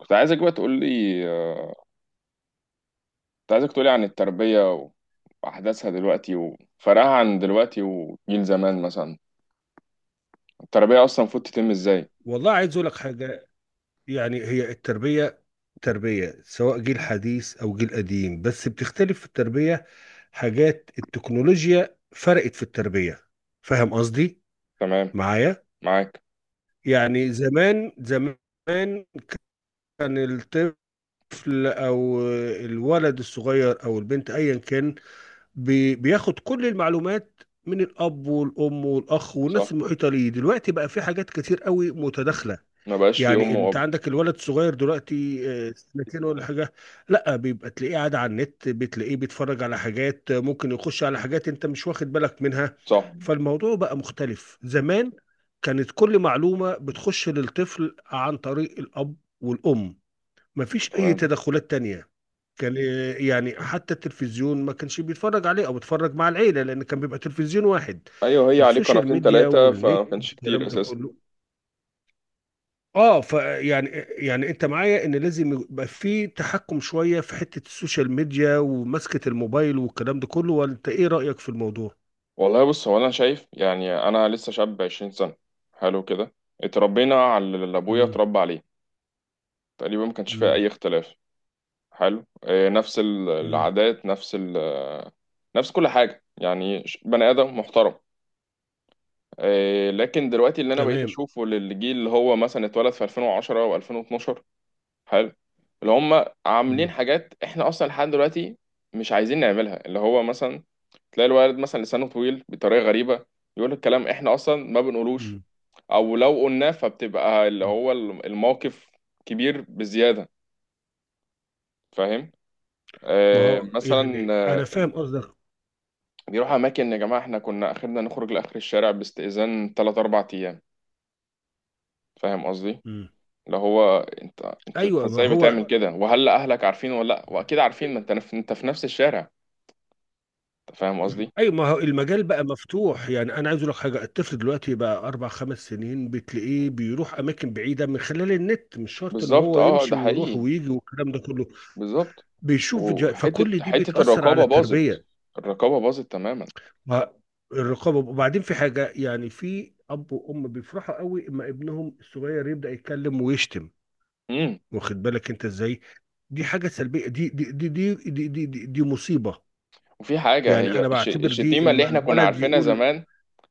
كنت عايزك بقى تقول لي، آه، كنت عايزك تقول لي عن التربية وأحداثها دلوقتي وفرقها عن دلوقتي وجيل زمان مثلا. التربية أصلا المفروض تتم إزاي؟ والله عايز اقول لك حاجه. يعني هي التربيه تربيه سواء جيل حديث او جيل قديم، بس بتختلف في التربيه. حاجات التكنولوجيا فرقت في التربيه. فاهم قصدي؟ تمام. معايا؟ معاك. يعني زمان زمان كان الطفل او الولد الصغير او البنت ايا كان بياخد كل المعلومات من الاب والام والاخ والناس صح. المحيطه ليه. دلوقتي بقى في حاجات كتير قوي متداخله. ما بقاش في يعني أم انت وأب. عندك الولد الصغير دلوقتي، سنتين ولا حاجه، لا بيبقى تلاقيه قاعد على النت، بتلاقيه بيتفرج على حاجات، ممكن يخش على حاجات انت مش واخد بالك منها. صح. فالموضوع بقى مختلف. زمان كانت كل معلومه بتخش للطفل عن طريق الاب والام، مفيش اي تمام. تدخلات تانية. كان، يعني حتى التلفزيون ما كانش بيتفرج عليه او بيتفرج مع العيله، لان كان بيبقى تلفزيون واحد. أيوه، هي عليه السوشيال قناتين ميديا تلاتة والنت فما كانش كتير الكلام ده أساسا. كله. اه، فيعني انت معايا ان لازم يبقى في تحكم شويه في حته السوشيال ميديا ومسكه الموبايل والكلام ده كله، وانت ايه رايك في الموضوع؟ والله بص، هو أنا شايف يعني أنا لسه شاب 20 سنة. حلو كده. اتربينا على اللي أبويا امم. اتربى عليه تقريبا، ما كانش فيها امم. أي اختلاف. حلو. نفس امم. العادات، نفس ال آه، نفس كل حاجة يعني، بني آدم محترم. لكن دلوقتي اللي أنا بقيت تمام. أشوفه للجيل اللي هو مثلا اتولد في 2010 و2012. حلو. اللي هم عاملين امم. حاجات إحنا أصلا لحد دلوقتي مش عايزين نعملها. اللي هو مثلا تلاقي الولد مثلا لسانه طويل بطريقة غريبة، يقول الكلام إحنا أصلا ما بنقولوش. امم. أو لو قلناه فبتبقى اللي أمم. هو الموقف كبير بزيادة. فاهم؟ ما هو مثلا، يعني انا فاهم قصدك. بيروحوا اماكن. يا جماعه، احنا كنا اخرنا نخرج لاخر الشارع باستئذان 3 4 ايام. فاهم قصدي؟ امم. اللي هو، انت ايوه ما ازاي هو. بتعمل كده؟ وهل اهلك عارفين ولا لا؟ واكيد عارفين، ما انت انت في نفس الشارع. انت فاهم قصدي؟ اي، ما هو المجال بقى مفتوح. يعني انا عايز اقول لك حاجه، الطفل دلوقتي بقى اربع خمس سنين بتلاقيه بيروح اماكن بعيده من خلال النت، مش شرط ان بالظبط، هو اه يمشي ده ويروح حقيقي. ويجي والكلام ده كله. بالظبط. بيشوف فيديوهات، وحته فكل دي حته بتأثر على الرقابه باظت. التربية. الرقابه باظت تماما. ما- الرقابة، وبعدين في حاجة، يعني في أب وأم بيفرحوا قوي اما ابنهم الصغير يبدأ يتكلم ويشتم. امم. واخد بالك أنت إزاي؟ دي حاجة سلبية. دي مصيبة. وفي حاجه يعني هي أنا بعتبر دي الشتيمه اللي اما احنا كنا الولد عارفينها يقول، زمان.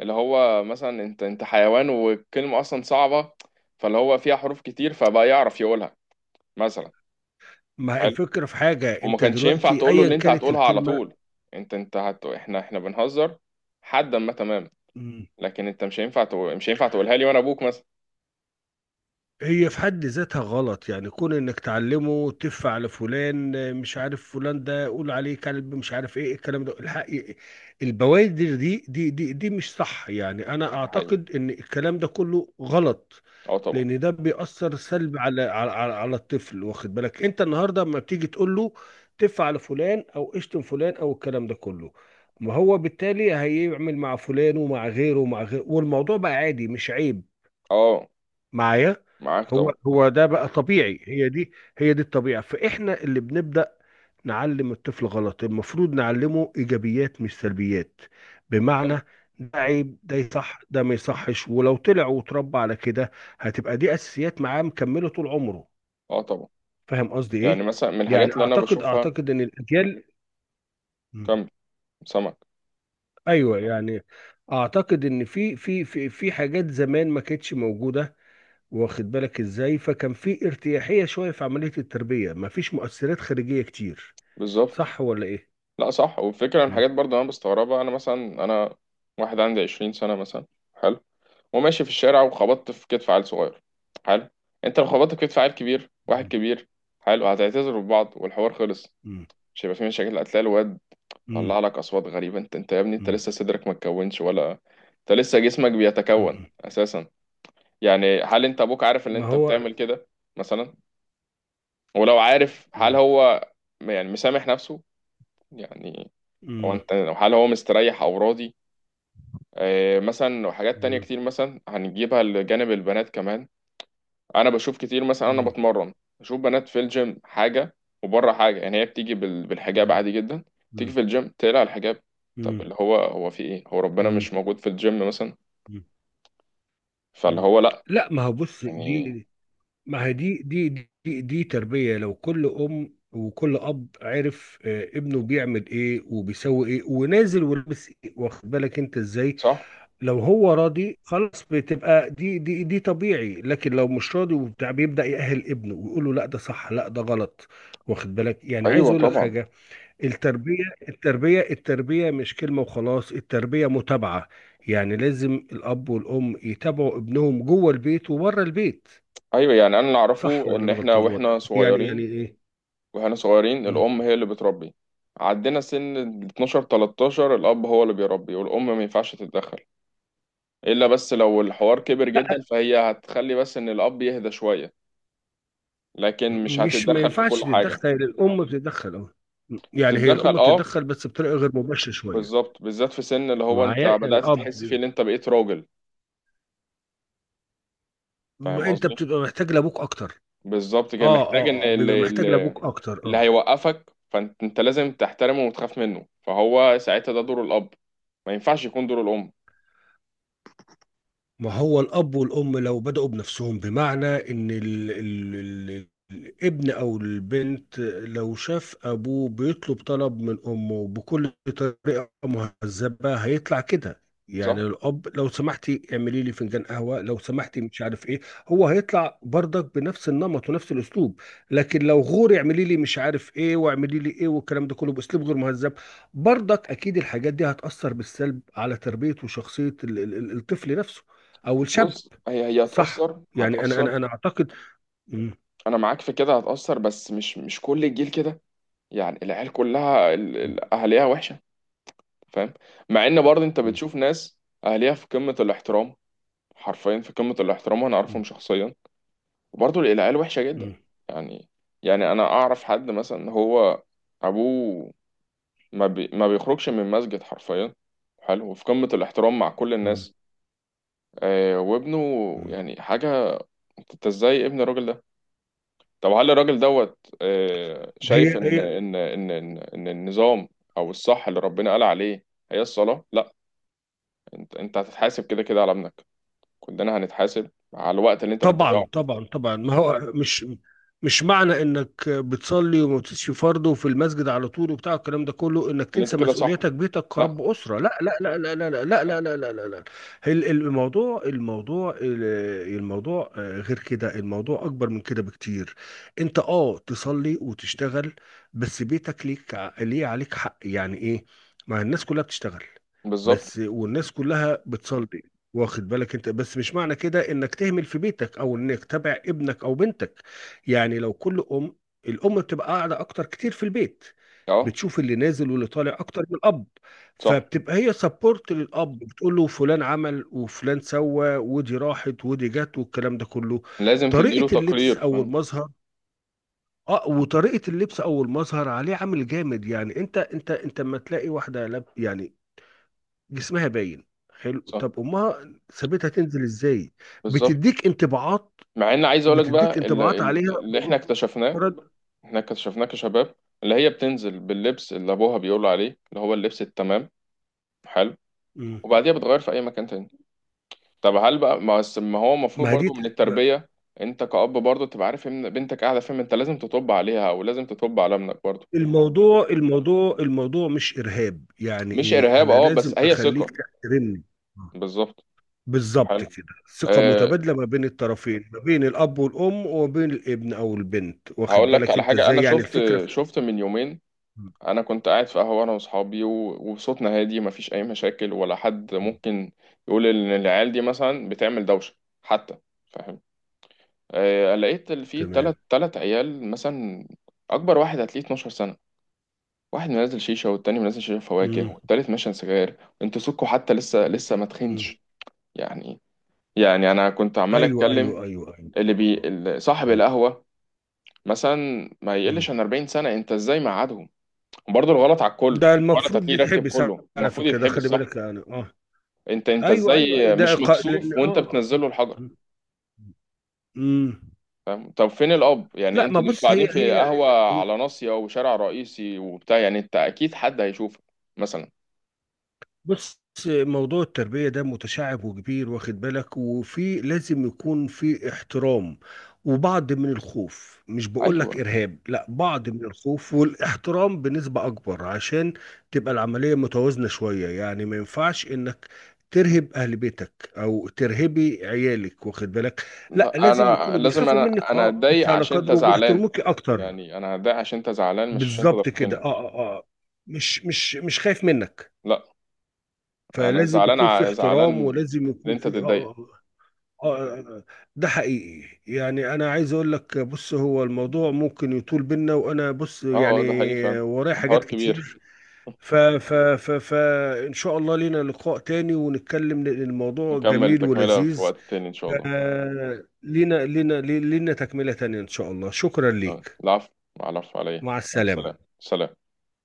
اللي هو مثلا، انت حيوان، والكلمه اصلا صعبه، فاللي هو فيها حروف كتير فبقى يعرف يقولها مثلا. ما الفكرة في حاجة، وما أنت كانش ينفع دلوقتي تقول له أيا اللي انت كانت هتقولها على الكلمة طول. انت احنا بنهزر. حدا ما، تمام. لكن انت مش هينفع تقولها لي وانا ابوك مثلا. هي في حد ذاتها غلط. يعني كون انك تعلمه تف على فلان، مش عارف فلان ده قول عليه كلب، مش عارف ايه الكلام ده، الحق البوادر دي مش صح. يعني انا ده حقيقي، اعتقد ان الكلام ده كله غلط، اه طبعا. لان ده بيأثر سلب على الطفل. واخد بالك انت؟ النهارده لما بتيجي تقول له تف على فلان او اشتم فلان او الكلام ده كله، ما هو بالتالي هيعمل مع فلان ومع غيره ومع غيره، والموضوع بقى عادي مش عيب. اه. معايا؟ معاك هو طبعا. هو ده بقى طبيعي، هي دي الطبيعة، فإحنا اللي بنبدأ نعلم الطفل غلط. المفروض نعلمه إيجابيات مش سلبيات. بمعنى صح. ده عيب، ده يصح، ده ما يصحش. ولو طلع وتربى على كده هتبقى دي أساسيات معاه مكملة طول عمره. اه طبعا. فاهم قصدي يعني إيه؟ مثلا من الحاجات يعني اللي انا أعتقد بشوفها، أعتقد إن الأجيال. مم. كم سمك. أيوه يعني أعتقد إن في حاجات زمان ما كانتش موجودة. واخد بالك ازاي؟ فكان في ارتياحية شوية في عملية التربية، مفيش مؤثرات خارجية كتير. بالظبط. صح ولا ايه؟ لا صح، والفكره من مم. الحاجات برضه انا بستغربها. انا مثلا، انا واحد عندي 20 سنه مثلا. حلو. وماشي في الشارع وخبطت في كتف عيل صغير. حلو. انت لو خبطت في كتف عيل كبير، واحد مم. كبير. حلو. هتعتذروا ببعض والحوار خلص. مم. مش هيبقى في مشاكل. هتلاقي الواد مم. طلع لك اصوات غريبه، انت يا ابني، انت مم. لسه صدرك ما اتكونش، ولا انت لسه جسمك بيتكون مم. اساسا. يعني هل انت ابوك عارف ان ما انت هو. بتعمل كده مثلا؟ ولو عارف هل مم. هو مسامح نفسه؟ يعني هو، مم. انت، هل هو مستريح او راضي؟ آه مثلا، وحاجات تانية مم. كتير مثلا هنجيبها لجانب البنات كمان. انا بشوف كتير. مثلا انا مم. بتمرن، بشوف بنات في الجيم حاجه وبره حاجه. يعني هي بتيجي بالحجاب مم. عادي جدا، تيجي في الجيم تقلع الحجاب. طب مم. اللي هو هو في ايه؟ هو ربنا مم. مش موجود في الجيم مثلا؟ مم. فاللي مم. هو لا. لا، ما هو بص، يعني دي ما هي دي دي دي تربية. لو كل أم وكل أب عرف، ابنه بيعمل إيه وبيسوي إيه ونازل ولابس إيه، واخد بالك أنت إزاي؟ صح. لو هو راضي خلاص بتبقى دي طبيعي، لكن لو مش راضي وبتاع بيبدأ يأهل ابنه ويقول له لا ده صح لا ده غلط. واخد بالك؟ يعني عايز ايوه اقول لك طبعا. حاجة، التربية التربية مش كلمة وخلاص، التربية متابعة. يعني لازم الأب والأم يتابعوا ابنهم جوه البيت وبره البيت. ايوه. يعني انا اللي اعرفه صح ولا ان انا احنا غلطان ولا؟ واحنا يعني يعني صغيرين، ايه؟ واحنا صغيرين مم. الام هي اللي بتربي. عدينا سن ال 12 13، الاب هو اللي بيربي والام ما ينفعش تتدخل، الا بس لو الحوار كبر جدا فهي هتخلي بس ان الاب يهدى شويه، لكن مش مش، ما هتتدخل في ينفعش كل حاجة. تتدخل؟ يعني الأم بتتدخل، اه، يعني هي الأم تتدخل اه. بتتدخل بس بطريقة غير مباشرة شوية. بالظبط، بالذات في سن اللي هو انت معايا؟ يعني بدأت اه، تحس فيه ان انت بقيت راجل. ما فاهم انت قصدي؟ بتبقى محتاج لابوك اكتر. بالظبط كده. اه محتاج ان اه اه بيبقى محتاج لابوك اكتر اللي اه. هيوقفك، فانت لازم تحترمه وتخاف منه. فهو ساعتها ده دور الأب، ما ينفعش يكون دور الأم. ما هو الأب والأم لو بدأوا بنفسهم بمعنى إن ال ال ال الابن أو البنت لو شاف أبوه بيطلب طلب من أمه بكل طريقة مهذبة هيطلع كده. يعني صح. الأب لو سمحتي اعملي لي فنجان قهوة، لو سمحتي مش عارف إيه، هو هيطلع برضك بنفس النمط ونفس الأسلوب. لكن لو غوري اعملي لي مش عارف إيه واعملي لي إيه والكلام ده كله بأسلوب غير مهذب، برضك أكيد الحاجات دي هتأثر بالسلب على تربية وشخصية الطفل نفسه او الشاب. بص، هي صح؟ هتأثر يعني انا هتأثر انا انا اعتقد. مم. انا معاك في كده، هتأثر، بس مش كل الجيل كده. يعني العيال كلها مم. اهاليها وحشة؟ فاهم؟ مع ان برضه انت بتشوف ناس اهاليها في قمة الاحترام، حرفيا في قمة الاحترام، وانا مم. اعرفهم شخصيا، وبرضه العيال وحشة جدا. مم. يعني، انا اعرف حد مثلا، هو ابوه ما بيخرجش من مسجد حرفيا. حلو، وفي قمة الاحترام مع كل مم. الناس. آه وابنه مم. يعني حاجة، انت ازاي ابن الراجل ده؟ طب هل الراجل دوت، آه هي شايف ان هي. النظام او الصح اللي ربنا قال عليه هي الصلاة؟ لا، انت هتتحاسب كده كده على ابنك. كلنا هنتحاسب على الوقت اللي انت طبعا بتضيعه. طبعا طبعا. ما هو مش، مش معنى انك بتصلي وما بتسيش فرض وفي المسجد على طول وبتاع الكلام ده كله انك اللي انت تنسى كده صح. مسؤوليتك بيتك لا. كرب اسره. لا لا لا لا لا لا لا لا لا لا لا لا. الموضوع الموضوع الموضوع، غير كده، الموضوع اكبر من كده بكتير. انت اه تصلي وتشتغل، بس بيتك ليك ليه عليك حق. يعني ايه؟ ما الناس كلها بتشتغل بالظبط. بس والناس كلها بتصلي. واخد بالك انت؟ بس مش معنى كده انك تهمل في بيتك، او انك تبع ابنك او بنتك. يعني لو كل ام، الام بتبقى قاعده اكتر كتير في البيت، اه بتشوف اللي نازل واللي طالع اكتر من الاب، صح. فبتبقى هي سبورت للاب بتقول له فلان عمل وفلان سوى ودي راحت ودي جت والكلام ده كله. لازم تديله طريقه اللبس تقرير، او فاهم؟ المظهر، اه وطريقه اللبس او المظهر عليه عامل جامد. يعني انت انت انت لما تلاقي واحده لاب، يعني جسمها باين، حلو صح. طب امها سابتها تنزل ازاي؟ بالظبط. بتديك انطباعات. مع ان عايز اقولك بتديك بقى انطباعات عليها اللي احنا اكتشفناه، مجرد. احنا اكتشفناه كشباب، اللي هي بتنزل باللبس اللي ابوها بيقول عليه، اللي هو اللبس التمام. حلو. مم. وبعديها بتغير في اي مكان تاني. طب هل بقى ما هو المفروض ما دي. برضو من ما- التربية، انت كأب برضو تبقى عارف ان بنتك قاعدة فين؟ انت لازم تطب عليها، او لازم تطب على ابنك برضو. الموضوع الموضوع الموضوع مش ارهاب، يعني مش ايه ارهاب، انا اه، بس لازم هي اخليك ثقة. تحترمني. بالظبط. بالظبط حلو. كده. ثقة أه، متبادلة ما بين الطرفين، ما بين الأب والأم وما بين الابن أو البنت. واخد هقول لك بالك على أنت حاجة. إزاي؟ انا يعني شفت، الفكرة في. شفت من يومين، مم. انا كنت قاعد في قهوه انا واصحابي، وصوتنا هادي مفيش اي مشاكل، ولا حد مم. ممكن يقول ان العيال دي مثلا بتعمل دوشه حتى. فاهم؟ آه، لقيت في تمام. تلات عيال مثلا، اكبر واحد هتلاقيه 12 سنه، واحد منزل شيشه، والتاني منزل شيشه فواكه، مم. والتالت ماشي سجاير. انتوا سكوا حتى، لسه مم. ما مم. تخنش. يعني. يعني انا كنت عمال أيوه أيوه اتكلم أيوه أيوه، آه، اللي آه. صاحب آه. آه. القهوه مثلا، ما مم. يقلش عن 40 سنه. انت ازاي مقعدهم؟ وبرضه الغلط على الكل، ده الغلط المفروض هتلاقيه راكب يتحبس. كله على المفروض فكرة ده يتحبس، خلي صح؟ بالك يعني، اه. انت ايوه ايوه ايوه، ازاي ده مش إلقاء، لان مكسوف اه. وانت آه. بتنزله الحجر؟ مم. فاهم؟ طب فين الاب يعني؟ لا ما انتوا بص، قاعدين هي في هي. قهوه على ناصيه وشارع رئيسي وبتاع، يعني انت اكيد حد هيشوفك مثلا. بص، موضوع التربية ده متشعب وكبير، واخد بالك؟ وفي لازم يكون في احترام وبعض من الخوف. مش بقول لك ايوه، إرهاب، لا، بعض من الخوف والاحترام بنسبة أكبر عشان تبقى العملية متوازنة شوية. يعني ما ينفعش إنك ترهب أهل بيتك أو ترهبي عيالك، واخد بالك؟ لا، لا لازم انا يكونوا لازم، بيخافوا انا منك، انا أه، أنت اتضايق على عشان انت قدر، زعلان. وبيحترموك أكتر. يعني انا هتضايق عشان انت زعلان، مش عشان انت بالظبط كده، أه ضربتني. أه أه. مش خايف منك، لا، انا فلازم زعلان، يكون في زعلان احترام ولازم ان يكون انت في تتضايق. آه آه آه. ده حقيقي. يعني انا عايز اقول لك، بص هو الموضوع ممكن يطول بينا، وانا بص، اه، يعني اه، ده حقيقي فعلا. ورايا حاجات الحوار كبير. كتير. ف ف ف ف ان شاء الله لينا لقاء تاني ونتكلم، لأن الموضوع نكمل جميل التكمله في ولذيذ. وقت تاني ان شاء الله. لينا تكملة تانية ان شاء الله. شكرا اه، ليك. العفو. العفو عليا. مع مع السلامة. السلامه. سلام.